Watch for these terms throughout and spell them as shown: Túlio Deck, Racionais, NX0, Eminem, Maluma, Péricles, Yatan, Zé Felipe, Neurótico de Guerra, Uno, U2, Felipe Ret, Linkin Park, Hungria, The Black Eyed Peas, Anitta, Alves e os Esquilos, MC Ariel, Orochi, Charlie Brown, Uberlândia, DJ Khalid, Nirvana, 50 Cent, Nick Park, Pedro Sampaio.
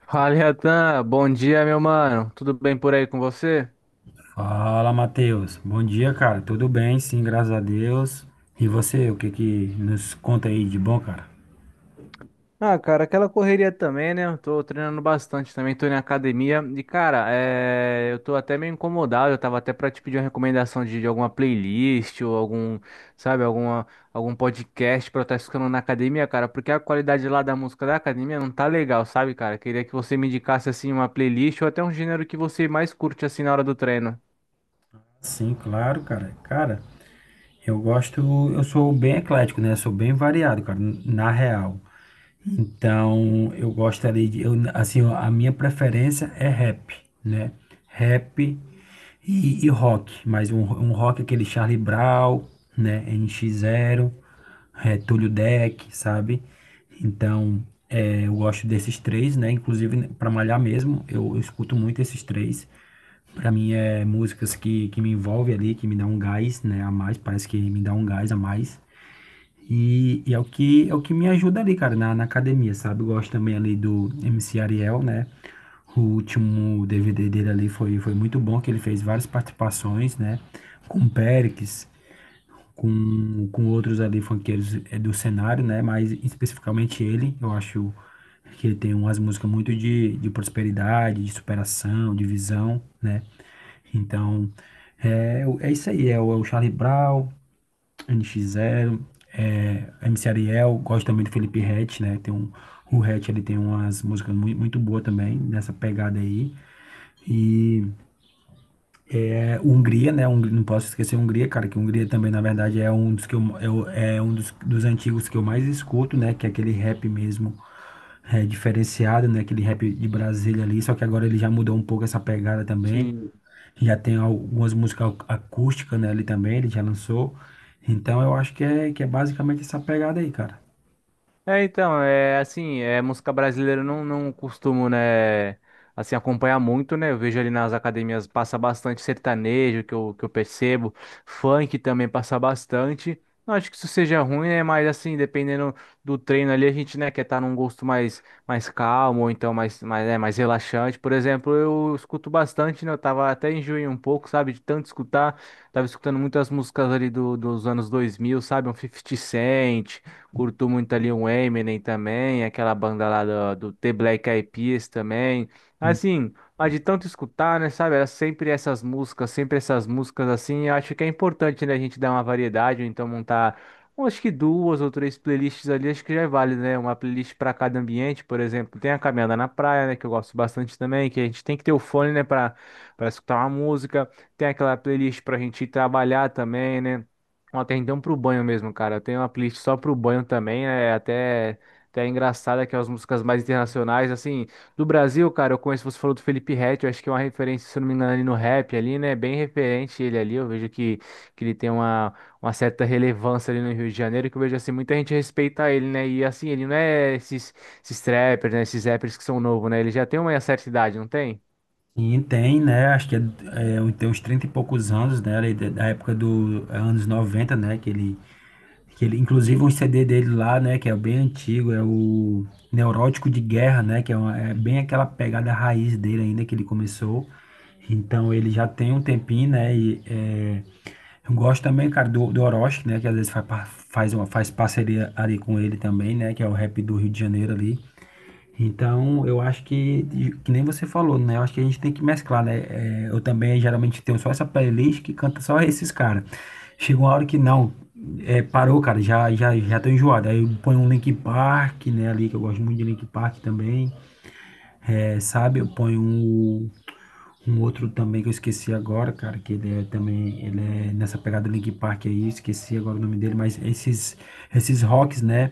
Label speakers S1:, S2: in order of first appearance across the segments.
S1: Fala, Yatan. Bom dia, meu mano. Tudo bem por aí com você?
S2: Fala, Matheus. Bom dia, cara. Tudo bem? Sim, graças a Deus. E você, o que que nos conta aí de bom, cara?
S1: Ah, cara, aquela correria também, né? Eu tô treinando bastante também, tô na academia. E, cara, eu tô até meio incomodado. Eu tava até pra te pedir uma recomendação de alguma playlist ou algum, sabe, alguma, algum podcast pra eu estar escutando na academia, cara, porque a qualidade lá da música da academia não tá legal, sabe, cara? Queria que você me indicasse, assim, uma playlist ou até um gênero que você mais curte, assim, na hora do treino.
S2: Sim, claro, cara. Cara, eu gosto, eu sou bem eclético, né? Sou bem variado, cara, na real. Então, eu gosto ali de assim, ó, a minha preferência é rap, né? Rap. E rock, mas um rock, aquele Charlie Brown, né? NX0, Túlio Deck, sabe? Então, eu gosto desses três, né? Inclusive, para malhar mesmo, eu escuto muito esses três. Para mim, é músicas que me envolvem ali, que me dá um gás, né? A mais, parece que me dá um gás a mais. E é o que, me ajuda ali, cara, na academia, sabe? Eu gosto também ali do MC Ariel, né? O último DVD dele ali foi, foi muito bom, que ele fez várias participações, né? Com o Péricles, com outros ali funkeiros, do cenário, né? Mas especificamente ele, eu acho que ele tem umas músicas muito de prosperidade, de superação, de visão, né? Então, é isso aí, é o Charlie Brown, nx Zero, MC Ariel. Gosto também do Felipe Ret, né? O Ret, ele tem umas músicas muito, muito boas também, nessa pegada aí. E Hungria, né? Não posso esquecer Hungria, cara, que Hungria também, na verdade, é um dos que é um dos antigos que eu mais escuto, né? Que é aquele rap mesmo, diferenciado, né? Aquele rap de Brasília ali, só que agora ele já mudou um pouco essa pegada também.
S1: Sim.
S2: Já tem algumas músicas acústicas, né? Ali também, ele já lançou. Então eu acho que é basicamente essa pegada aí, cara.
S1: É, então, é assim, é música brasileira eu não costumo, né, assim, acompanhar muito, né? Eu vejo ali nas academias passa bastante sertanejo, que eu percebo, funk também passa bastante. Não acho que isso seja ruim, né? Mas assim, dependendo do treino ali, a gente, né, quer estar num gosto mais, mais calmo, ou então mais, mais, né, mais relaxante. Por exemplo, eu escuto bastante, né? Eu tava até enjoei um pouco, sabe, de tanto escutar. Tava escutando muitas músicas ali dos anos 2000 sabe? Um 50 Cent. Curto muito ali um Eminem também, aquela banda lá do The Black Eyed Peas também. Assim, mas de tanto escutar, né, sabe? Era sempre essas músicas assim. Eu acho que é importante, né, a gente dar uma variedade, ou então montar, eu acho que duas ou três playlists ali, acho que já é válido, né? Uma playlist para cada ambiente, por exemplo. Tem a caminhada na praia, né, que eu gosto bastante também, que a gente tem que ter o fone, né, para escutar uma música. Tem aquela playlist para a gente ir trabalhar também, né? Uma atenção pro banho mesmo, cara. Eu tenho uma playlist só pro banho também, né? É até, até engraçada que é as músicas mais internacionais, assim, do Brasil, cara, eu conheço, você falou do Felipe Ret, eu acho que é uma referência, se eu não me engano, ali no rap ali, né, bem referente ele ali, eu vejo que ele tem uma certa relevância ali no Rio de Janeiro, que eu vejo, assim, muita gente respeita ele, né, e assim, ele não é esses, esses trappers, né, esses rappers que são novos, né, ele já tem uma certa idade, não tem?
S2: E tem, né? Acho tem uns 30 e poucos anos, né? Ali da época dos anos 90, né? Que ele, inclusive um CD dele lá, né, que é bem antigo, é o Neurótico de Guerra, né, é bem aquela pegada raiz dele ainda que ele começou. Então ele já tem um tempinho, né, e eu gosto também, cara, do Orochi, né, que às vezes faz parceria ali com ele também, né, que é o rap do Rio de Janeiro ali. Então, eu acho que nem você falou, né? Eu acho que a gente tem que mesclar, né? É, eu também geralmente tenho só essa playlist que canta só esses caras. Chega uma hora que não, parou, cara, já tô enjoado. Aí eu ponho um Linkin Park, né, ali, que eu gosto muito de Linkin Park também, sabe? Eu ponho um outro também que eu esqueci agora, cara, que ele é também, ele é nessa pegada do Linkin Park aí, esqueci agora o nome dele, mas esses rocks, né,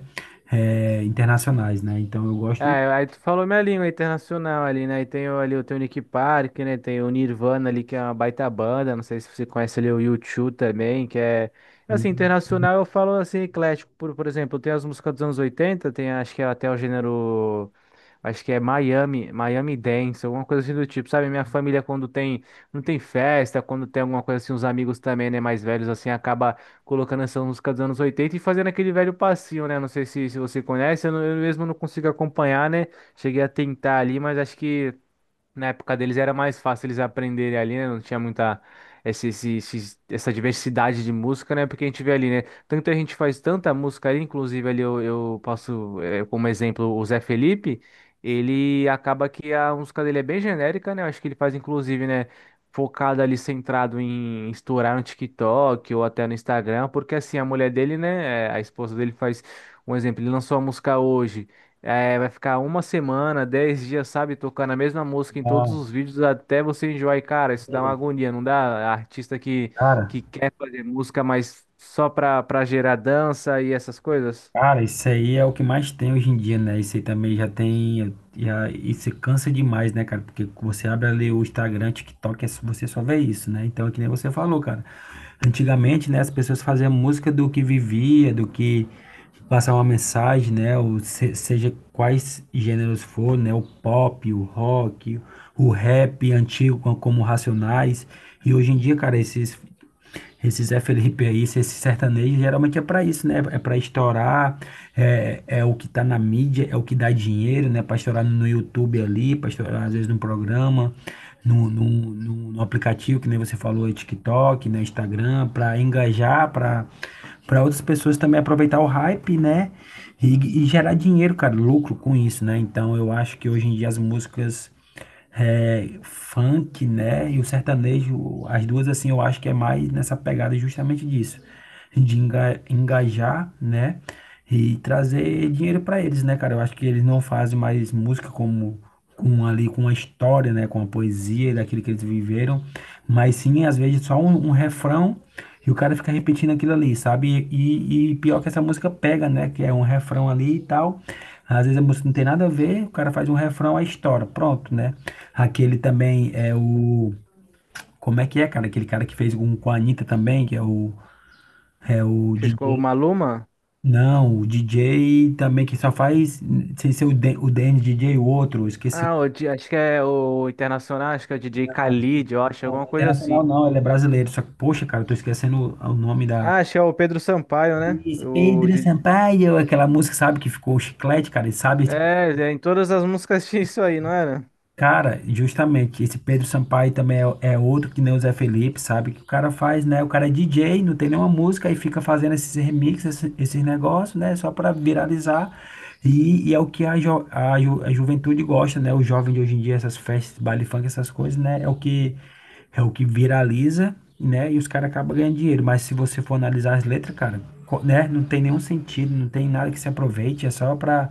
S2: internacionais, né? Então eu gosto.
S1: Ah, aí tu falou minha língua internacional ali, né? E tem ali tem o teu Nick Park, né? Tem o Nirvana ali, que é uma baita banda. Não sei se você conhece ali o U2 também, que é... Assim,
S2: um,
S1: internacional eu falo assim, eclético. Por exemplo, tem as músicas dos anos 80 tem acho que é até o gênero... Acho que é Miami, Miami Dance, alguma coisa assim do tipo, sabe? Minha família quando tem, não tem festa, quando tem alguma coisa assim, os amigos também, né, mais velhos assim, acaba colocando essa música dos anos 80 e fazendo aquele velho passinho, né? Não sei se, se você conhece, eu mesmo não consigo acompanhar, né? Cheguei a tentar ali, mas acho que na época deles era mais fácil eles aprenderem ali, né? Não tinha muita essa diversidade de música, né? Porque a gente vê ali, né? Tanta gente faz tanta música ali, inclusive ali eu posso, como exemplo, o Zé Felipe, ele acaba que a música dele é bem genérica, né? Eu acho que ele faz, inclusive, né? Focado ali, centrado em estourar no TikTok ou até no Instagram, porque assim, a mulher dele, né? A esposa dele faz um exemplo, ele lançou a música hoje. É, vai ficar uma semana, dez dias, sabe, tocando a mesma música em todos
S2: um,
S1: os vídeos até você enjoar. E, cara, isso dá uma
S2: Verdade.
S1: agonia, não dá? Artista
S2: Cara,
S1: que quer fazer música, mas só pra gerar dança e essas coisas.
S2: cara, isso aí é o que mais tem hoje em dia, né? Isso aí também já tem, isso cansa demais, né, cara? Porque você abre ali o Instagram, TikTok, é você só vê isso, né? Então é que nem você falou, cara. Antigamente, né, as pessoas faziam música do que vivia, do que passar uma mensagem, né? Ou seja quais gêneros for, né? O pop, o rock, o rap antigo, como Racionais. E hoje em dia, cara, esse Zé Felipe aí, esse sertanejo, geralmente é para isso, né? É para estourar, é o que tá na mídia, é o que dá dinheiro, né? Para estourar no YouTube ali, para estourar às vezes num programa, no, no, no aplicativo, que nem você falou, TikTok, né? Instagram, para engajar, para outras pessoas também aproveitar o hype, né? E gerar dinheiro, cara, lucro com isso, né? Então eu acho que hoje em dia as músicas, funk, né? E o sertanejo, as duas, assim, eu acho que é mais nessa pegada, justamente disso, de engajar, né? E trazer dinheiro para eles, né, cara? Eu acho que eles não fazem mais música como com ali com a história, né, com a poesia daquilo que eles viveram, mas sim às vezes só um refrão e o cara fica repetindo aquilo ali, sabe? E pior que essa música pega, né? Que é um refrão ali e tal. Às vezes a música não tem nada a ver, o cara faz um refrão, a história, pronto, né? Aquele também é o. Como é que é, cara? Aquele cara que fez um com a Anitta também, que é o. É o
S1: Fez com o
S2: DJ.
S1: Maluma?
S2: Não, o DJ também que só faz. Sem ser o, D, o DN DJ, o outro, esqueci.
S1: Ah, acho que é o Internacional, acho que é o DJ Khalid, eu
S2: Não,
S1: acho, alguma
S2: não é
S1: coisa assim.
S2: internacional não, ele é brasileiro. Só que, poxa, cara, eu tô esquecendo o nome da.
S1: Ah, acho que é o Pedro Sampaio, né?
S2: Esse Pedro Sampaio, aquela música, sabe, que ficou chiclete, cara. Ele sabe.
S1: É, é, em todas as músicas tinha isso aí, não era?
S2: Cara, justamente, esse Pedro Sampaio também é, é outro que nem o Zé Felipe, sabe? Que o cara faz, né? O cara é DJ, não tem nenhuma música e fica fazendo esses remixes, esses negócios, né? Só para viralizar. E é o que a, a juventude gosta, né? O jovem de hoje em dia, essas festas, baile funk, essas coisas, né? é o que, viraliza, né? E os caras acabam ganhando dinheiro. Mas se você for analisar as letras, cara, né? Não tem nenhum sentido, não tem nada que se aproveite, é só pra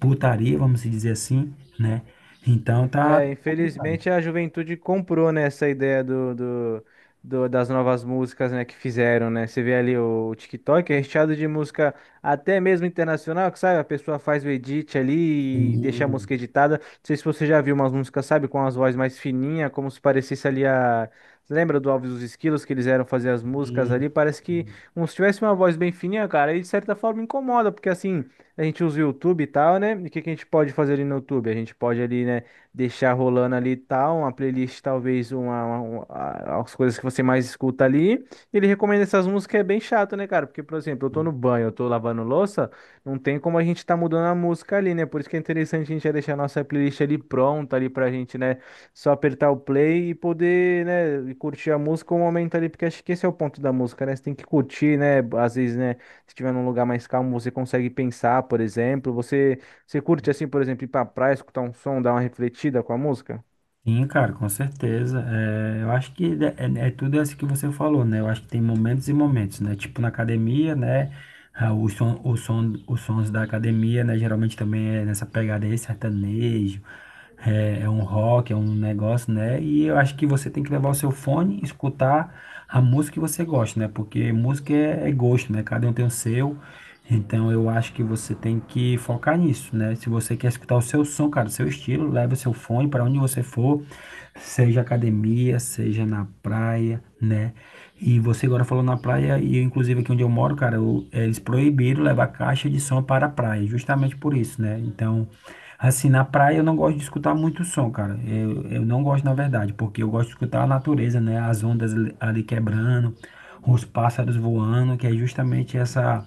S2: putaria, vamos dizer assim, né? Então tá
S1: É, infelizmente
S2: complicado.
S1: a juventude comprou, né, essa ideia das novas músicas, né, que fizeram, né? Você vê ali o TikTok é recheado de música até mesmo internacional, que sabe, a pessoa faz o edit ali e deixa a música
S2: Sim,
S1: editada. Não sei se você já viu umas músicas, sabe, com as vozes mais fininhas, como se parecesse ali a... Você lembra do Alves e os Esquilos, que eles eram fazer as músicas ali? Parece que como se tivesse uma voz bem fininha, cara, e de certa forma incomoda, porque assim, a gente usa o YouTube e tal, né? E o que que a gente pode fazer ali no YouTube? A gente pode ali, né? Deixar rolando ali e tal, uma playlist, talvez as coisas que você mais escuta ali. Ele recomenda essas músicas, é bem chato, né, cara? Porque, por exemplo, eu tô no banho, eu tô lavando louça, não tem como a gente tá mudando a música ali, né? Por isso que é interessante a gente já deixar a nossa playlist ali pronta ali pra gente, né? Só apertar o play e poder, né, e curtir a música um momento ali, porque acho que esse é o ponto da música, né? Você tem que curtir, né? Às vezes, né, se estiver num lugar mais calmo, você consegue pensar, por exemplo, você curte, assim, por exemplo, ir pra praia, escutar um som, dar uma refletida com a música?
S2: sim, cara, com certeza. É, eu acho que é tudo isso que você falou, né? Eu acho que tem momentos e momentos, né? Tipo na academia, né? Ah, os sons da academia, né? Geralmente também é nessa pegada aí, sertanejo. É um rock, é um negócio, né? E eu acho que você tem que levar o seu fone, escutar a música que você gosta, né? Porque música é gosto, né? Cada um tem o seu. Então eu acho que você tem que focar nisso, né? Se você quer escutar o seu som, cara, o seu estilo, leva o seu fone para onde você for, seja academia, seja na praia, né? E você agora falou na praia, e eu, inclusive aqui onde eu moro, cara, eles proibiram levar caixa de som para a praia, justamente por isso, né? Então, assim, na praia eu não gosto de escutar muito som, cara. Eu não gosto, na verdade, porque eu gosto de escutar a natureza, né? As ondas ali quebrando, os pássaros voando, que é justamente essa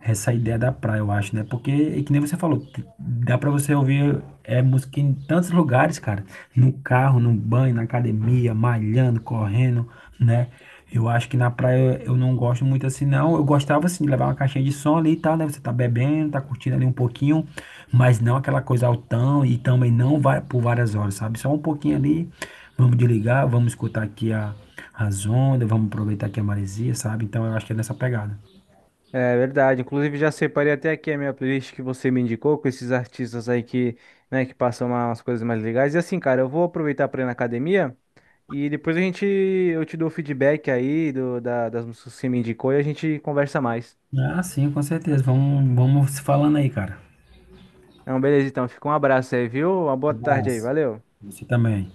S2: essa ideia da praia, eu acho, né? Porque, é que nem você falou, dá pra você ouvir, música em tantos lugares, cara. No carro, no banho, na academia, malhando, correndo, né? Eu acho que na praia eu não gosto muito assim, não. Eu gostava, assim, de levar uma caixinha de som ali e tal, né? Você tá bebendo, tá curtindo ali um pouquinho, mas não aquela coisa altão e também não vai por várias horas, sabe? Só um pouquinho ali, vamos desligar, vamos escutar aqui a as ondas, vamos aproveitar aqui a maresia, sabe? Então eu acho que é nessa pegada.
S1: É verdade. Inclusive, já separei até aqui a minha playlist que você me indicou, com esses artistas aí que, né, que passam umas coisas mais legais. E assim, cara, eu vou aproveitar pra ir na academia e depois a gente, eu te dou o feedback aí das músicas que você me indicou e a gente conversa mais.
S2: Ah, sim, com certeza. Vamos se falando aí, cara.
S1: Então, beleza, então. Fica um abraço aí, viu? Uma
S2: Um
S1: boa tarde aí.
S2: abraço.
S1: Valeu.
S2: Você também.